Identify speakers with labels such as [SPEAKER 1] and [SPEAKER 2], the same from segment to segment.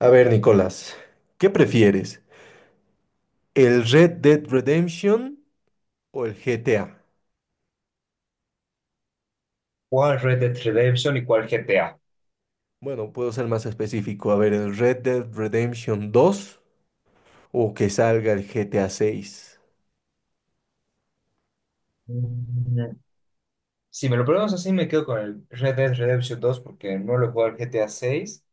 [SPEAKER 1] A ver, Nicolás, ¿qué prefieres? ¿El Red Dead Redemption o el GTA?
[SPEAKER 2] ¿Cuál Red Dead Redemption y cuál GTA?
[SPEAKER 1] Bueno, puedo ser más específico. A ver, ¿el Red Dead Redemption 2 o que salga el GTA 6?
[SPEAKER 2] Mm, Si me lo preguntas así, me quedo con el Red Dead Redemption 2 porque no lo he jugado al GTA 6.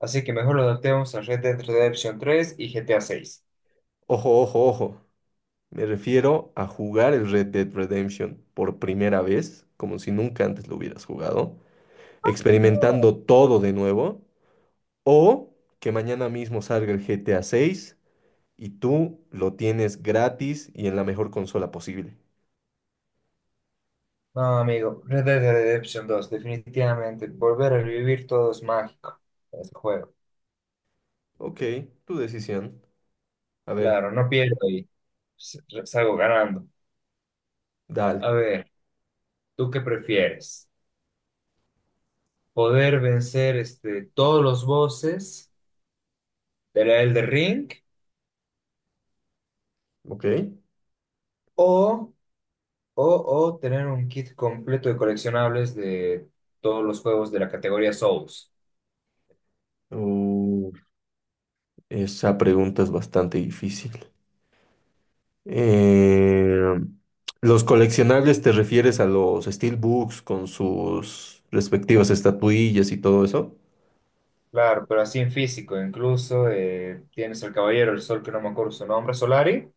[SPEAKER 2] Así que mejor lo adaptemos a Red Dead Redemption 3 y GTA 6.
[SPEAKER 1] Ojo, ojo, ojo. Me refiero a jugar el Red Dead Redemption por primera vez, como si nunca antes lo hubieras jugado,
[SPEAKER 2] No.
[SPEAKER 1] experimentando todo de nuevo, o que mañana mismo salga el GTA 6 y tú lo tienes gratis y en la mejor consola posible.
[SPEAKER 2] No, amigo, Red Dead Redemption 2, definitivamente. Volver a vivir todo es mágico en este juego.
[SPEAKER 1] Ok, tu decisión. A ver,
[SPEAKER 2] Claro, no pierdo y s- salgo ganando. A
[SPEAKER 1] dale.
[SPEAKER 2] ver, ¿tú qué prefieres? ¿Poder vencer todos los bosses del Elder Ring
[SPEAKER 1] Ok.
[SPEAKER 2] o O, o tener un kit completo de coleccionables de todos los juegos de la categoría Souls?
[SPEAKER 1] Uh, esa pregunta es bastante difícil. Eh, ¿Los coleccionables te refieres a los steelbooks con sus respectivas estatuillas y todo eso?
[SPEAKER 2] Claro, pero así en físico, incluso tienes al Caballero del Sol, que no me acuerdo su nombre, Solari,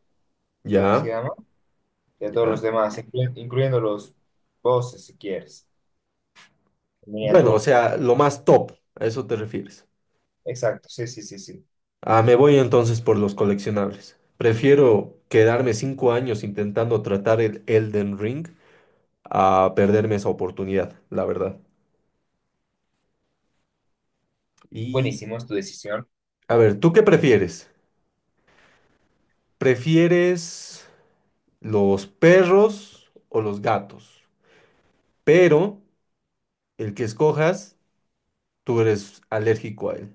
[SPEAKER 2] creo que se
[SPEAKER 1] Ya,
[SPEAKER 2] llama, y a todos los
[SPEAKER 1] ya.
[SPEAKER 2] demás, incluyendo los bosses, si quieres, en
[SPEAKER 1] Bueno, o
[SPEAKER 2] miniatura.
[SPEAKER 1] sea, lo más top, a eso te refieres.
[SPEAKER 2] Exacto, sí, sí, sí, sí.
[SPEAKER 1] Ah, me voy entonces por los coleccionables. Prefiero quedarme 5 años intentando tratar el Elden Ring a perderme esa oportunidad, la verdad. Y,
[SPEAKER 2] Buenísimo, es tu decisión.
[SPEAKER 1] a ver, ¿tú qué prefieres? ¿Prefieres los perros o los gatos? Pero el que escojas, tú eres alérgico a él.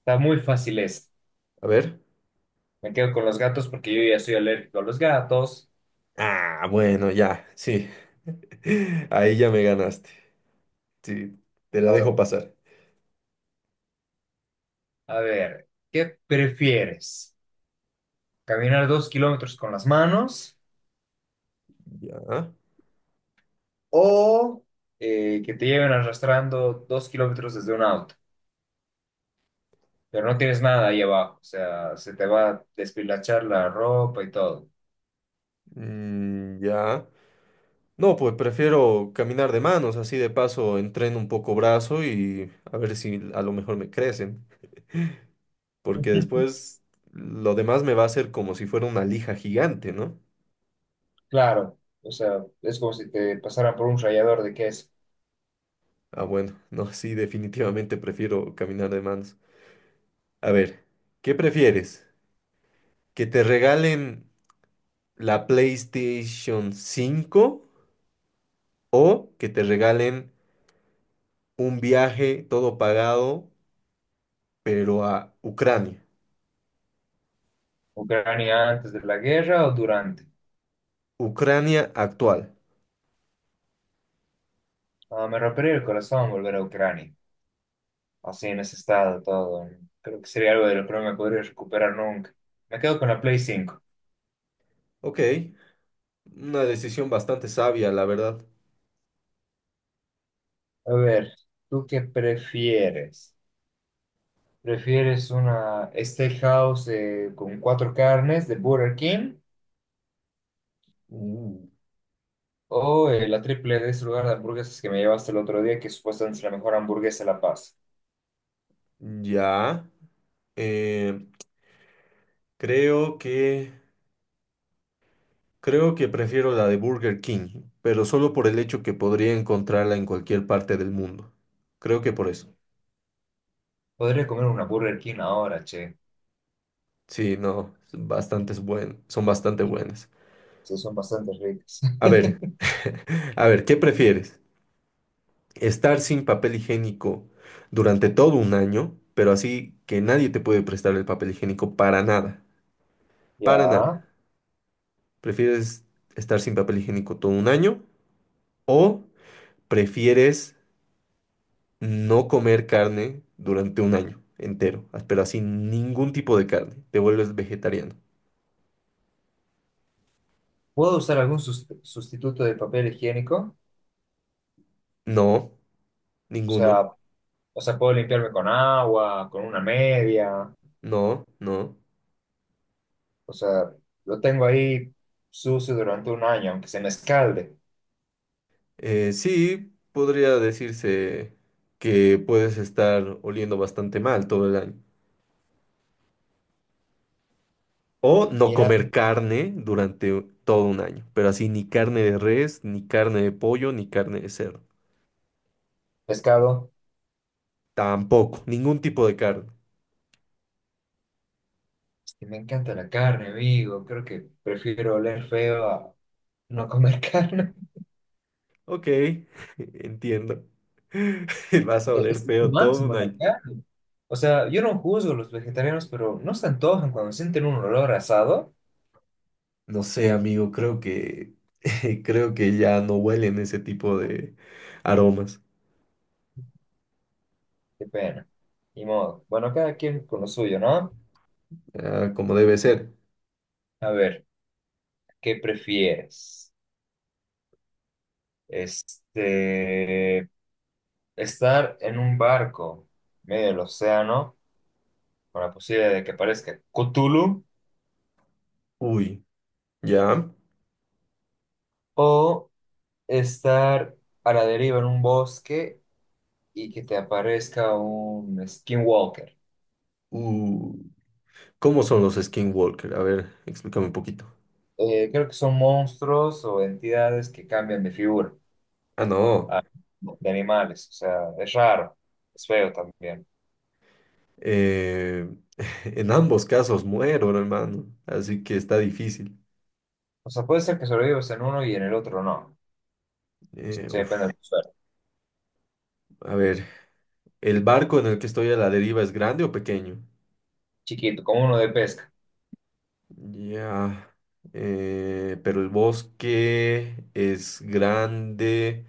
[SPEAKER 2] Está muy fácil esa.
[SPEAKER 1] A ver.
[SPEAKER 2] Me quedo con los gatos porque yo ya soy alérgico a los gatos.
[SPEAKER 1] Ah, bueno, ya, sí. Ahí ya me ganaste. Sí, te la
[SPEAKER 2] Ahora,
[SPEAKER 1] dejo pasar.
[SPEAKER 2] a ver, ¿qué prefieres? ¿Caminar 2 km con las manos
[SPEAKER 1] Ya.
[SPEAKER 2] o que te lleven arrastrando 2 km desde un auto, pero no tienes nada ahí abajo, o sea, se te va a despilachar la ropa y todo?
[SPEAKER 1] Mm, ya. No, pues prefiero caminar de manos, así de paso entreno un poco brazo y a ver si a lo mejor me crecen. Porque después lo demás me va a hacer como si fuera una lija gigante, ¿no?
[SPEAKER 2] Claro, o sea, es como si te pasaran por un rallador de queso.
[SPEAKER 1] Ah, bueno, no, sí, definitivamente prefiero caminar de manos. A ver, ¿qué prefieres? ¿Que te regalen la PlayStation 5 o que te regalen un viaje todo pagado, pero a Ucrania?
[SPEAKER 2] ¿Ucrania antes de la guerra o durante?
[SPEAKER 1] Ucrania actual.
[SPEAKER 2] Ah, me rompería el corazón volver a Ucrania, así en ese estado todo, ¿no? Creo que sería algo de lo que no me podría recuperar nunca. Me quedo con la Play 5.
[SPEAKER 1] Ok, una decisión bastante sabia, la verdad.
[SPEAKER 2] A ver, ¿tú qué prefieres? ¿Prefieres una steakhouse con cuatro carnes de Burger King
[SPEAKER 1] Uh.
[SPEAKER 2] o la triple de ese lugar de hamburguesas que me llevaste el otro día, que supuestamente es la mejor hamburguesa de La Paz?
[SPEAKER 1] Ya, eh, creo que... Creo que prefiero la de Burger King, pero solo por el hecho que podría encontrarla en cualquier parte del mundo. Creo que por eso.
[SPEAKER 2] Podría comer una Burger King ahora, che.
[SPEAKER 1] Sí, no, son bastante buenas.
[SPEAKER 2] Sí, son bastante ricas.
[SPEAKER 1] A ver, a ver, ¿qué prefieres? ¿Estar sin papel higiénico durante todo un año, pero así que nadie te puede prestar el papel higiénico para nada? Para nada.
[SPEAKER 2] Ya.
[SPEAKER 1] ¿Prefieres estar sin papel higiénico todo un año o prefieres no comer carne durante un año entero, ah, pero así ningún tipo de carne, te vuelves vegetariano?
[SPEAKER 2] ¿Puedo usar algún sustituto de papel higiénico?
[SPEAKER 1] No,
[SPEAKER 2] O sea,
[SPEAKER 1] ninguno,
[SPEAKER 2] o sea, puedo limpiarme con agua, con una media.
[SPEAKER 1] no, no.
[SPEAKER 2] O sea, lo tengo ahí sucio durante un año, aunque se me escalde.
[SPEAKER 1] Sí, podría decirse que puedes estar oliendo bastante mal todo el año. O no
[SPEAKER 2] Mira,
[SPEAKER 1] comer carne durante todo un año, pero así ni carne de res, ni carne de pollo, ni carne de cerdo.
[SPEAKER 2] pescado.
[SPEAKER 1] Tampoco, ningún tipo de carne.
[SPEAKER 2] Sí, me encanta la carne, amigo. Creo que prefiero oler feo a no comer carne.
[SPEAKER 1] Ok, entiendo. Vas a oler
[SPEAKER 2] Es lo
[SPEAKER 1] feo todo un
[SPEAKER 2] máximo la
[SPEAKER 1] año.
[SPEAKER 2] carne. O sea, yo no juzgo a los vegetarianos, pero no se antojan cuando sienten un olor a asado.
[SPEAKER 1] No sé, amigo, creo que creo que ya no huelen ese tipo de aromas,
[SPEAKER 2] Qué pena. Ni modo. Bueno, cada quien con lo suyo, ¿no?
[SPEAKER 1] ah, como debe ser.
[SPEAKER 2] A ver, ¿qué prefieres? Este, ¿Estar en un barco medio del océano con la posibilidad de que aparezca Cthulhu
[SPEAKER 1] Uy, ya.
[SPEAKER 2] o estar a la deriva en un bosque y que te aparezca un Skinwalker?
[SPEAKER 1] Uh, ¿Cómo son los skinwalker? A ver, explícame un poquito.
[SPEAKER 2] Creo que son monstruos o entidades que cambian de figura,
[SPEAKER 1] Ah, no.
[SPEAKER 2] ah, de animales. O sea, es raro, es feo también.
[SPEAKER 1] eh, en ambos casos muero, no, hermano, así que está difícil.
[SPEAKER 2] O sea, puede ser que sobrevivas en uno y en el otro no. Eso sí depende
[SPEAKER 1] Uf,
[SPEAKER 2] del suelo.
[SPEAKER 1] a ver, ¿el barco en el que estoy a la deriva es grande o pequeño?
[SPEAKER 2] Chiquito, como uno de pesca.
[SPEAKER 1] Ya. Pero el bosque es grande.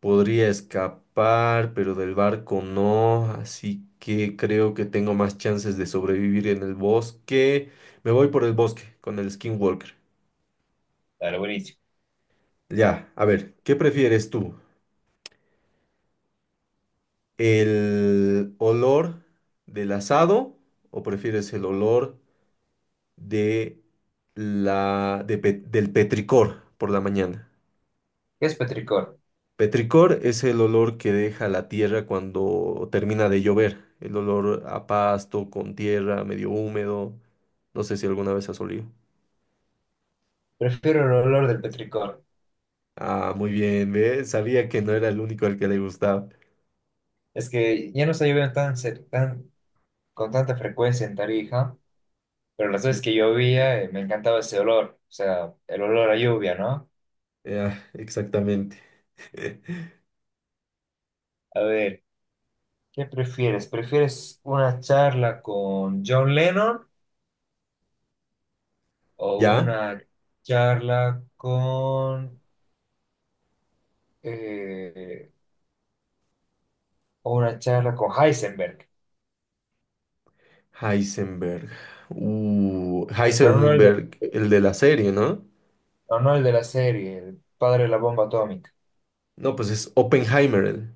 [SPEAKER 1] Podría escapar, pero del barco no, así que creo que tengo más chances de sobrevivir en el bosque. Me voy por el bosque con el Skinwalker.
[SPEAKER 2] Dale, buenísimo.
[SPEAKER 1] Ya, a ver, ¿qué prefieres tú? ¿El olor del asado o prefieres el olor de la de pe- del petricor por la mañana?
[SPEAKER 2] ¿Qué es petricor?
[SPEAKER 1] Petricor es el olor que deja la tierra cuando termina de llover, el olor a pasto, con tierra, medio húmedo. No sé si alguna vez has olido.
[SPEAKER 2] Prefiero el olor del petricor.
[SPEAKER 1] Ah, muy bien, ¿ves? Sabía que no era el único al que le gustaba.
[SPEAKER 2] Es que ya no está lloviendo tan con tanta frecuencia en Tarija, pero las
[SPEAKER 1] Y-
[SPEAKER 2] veces que llovía, me encantaba ese olor. O sea, el olor a lluvia, ¿no?
[SPEAKER 1] ah, exactamente.
[SPEAKER 2] A ver, ¿qué prefieres? ¿Prefieres una charla con John Lennon o
[SPEAKER 1] ¿Ya?
[SPEAKER 2] una charla con eh, o una charla con Heisenberg?
[SPEAKER 1] Heisenberg.
[SPEAKER 2] Pero no el de,
[SPEAKER 1] Heisenberg, el de la serie, ¿no?
[SPEAKER 2] no, no el de la serie, el padre de la bomba atómica.
[SPEAKER 1] No, pues es Oppenheimer. Él.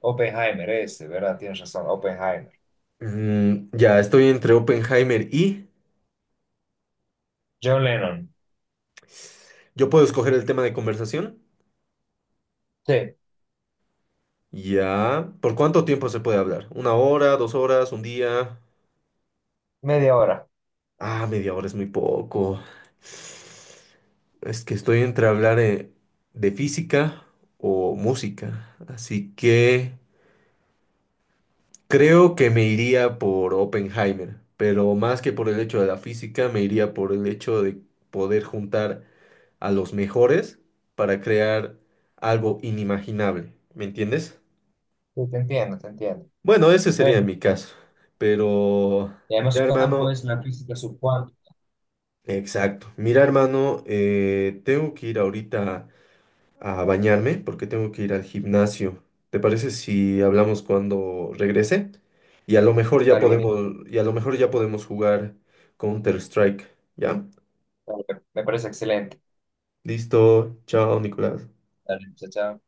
[SPEAKER 2] Oppenheimer, ese, ¿verdad? Tienes razón, Oppenheimer.
[SPEAKER 1] Mm, ya, estoy entre Oppenheimer y...
[SPEAKER 2] John Lennon.
[SPEAKER 1] ¿Yo puedo escoger el tema de conversación?
[SPEAKER 2] Sí,
[SPEAKER 1] Ya. ¿Por cuánto tiempo se puede hablar? ¿1 hora, 2 horas, 1 día?
[SPEAKER 2] media hora.
[SPEAKER 1] Ah, media hora es muy poco. Es que estoy entre hablar de física o música. Así que creo que me iría por Oppenheimer. Pero más que por el hecho de la física, me iría por el hecho de poder juntar a los mejores para crear algo inimaginable. ¿Me entiendes?
[SPEAKER 2] Sí, te entiendo, te entiendo.
[SPEAKER 1] Bueno, ese sería
[SPEAKER 2] Bueno,
[SPEAKER 1] mi caso. Pero,
[SPEAKER 2] y además
[SPEAKER 1] mira,
[SPEAKER 2] su campo
[SPEAKER 1] hermano,
[SPEAKER 2] es la física subcuántica.
[SPEAKER 1] exacto. Mira, hermano, tengo que ir ahorita a bañarme porque tengo que ir al gimnasio. ¿Te parece si hablamos cuando regrese?
[SPEAKER 2] Dale, bonito.
[SPEAKER 1] Y a lo mejor ya podemos jugar Counter-Strike. ¿Ya?
[SPEAKER 2] Me parece excelente.
[SPEAKER 1] Listo. Chao, Nicolás.
[SPEAKER 2] Dale, chao, chao.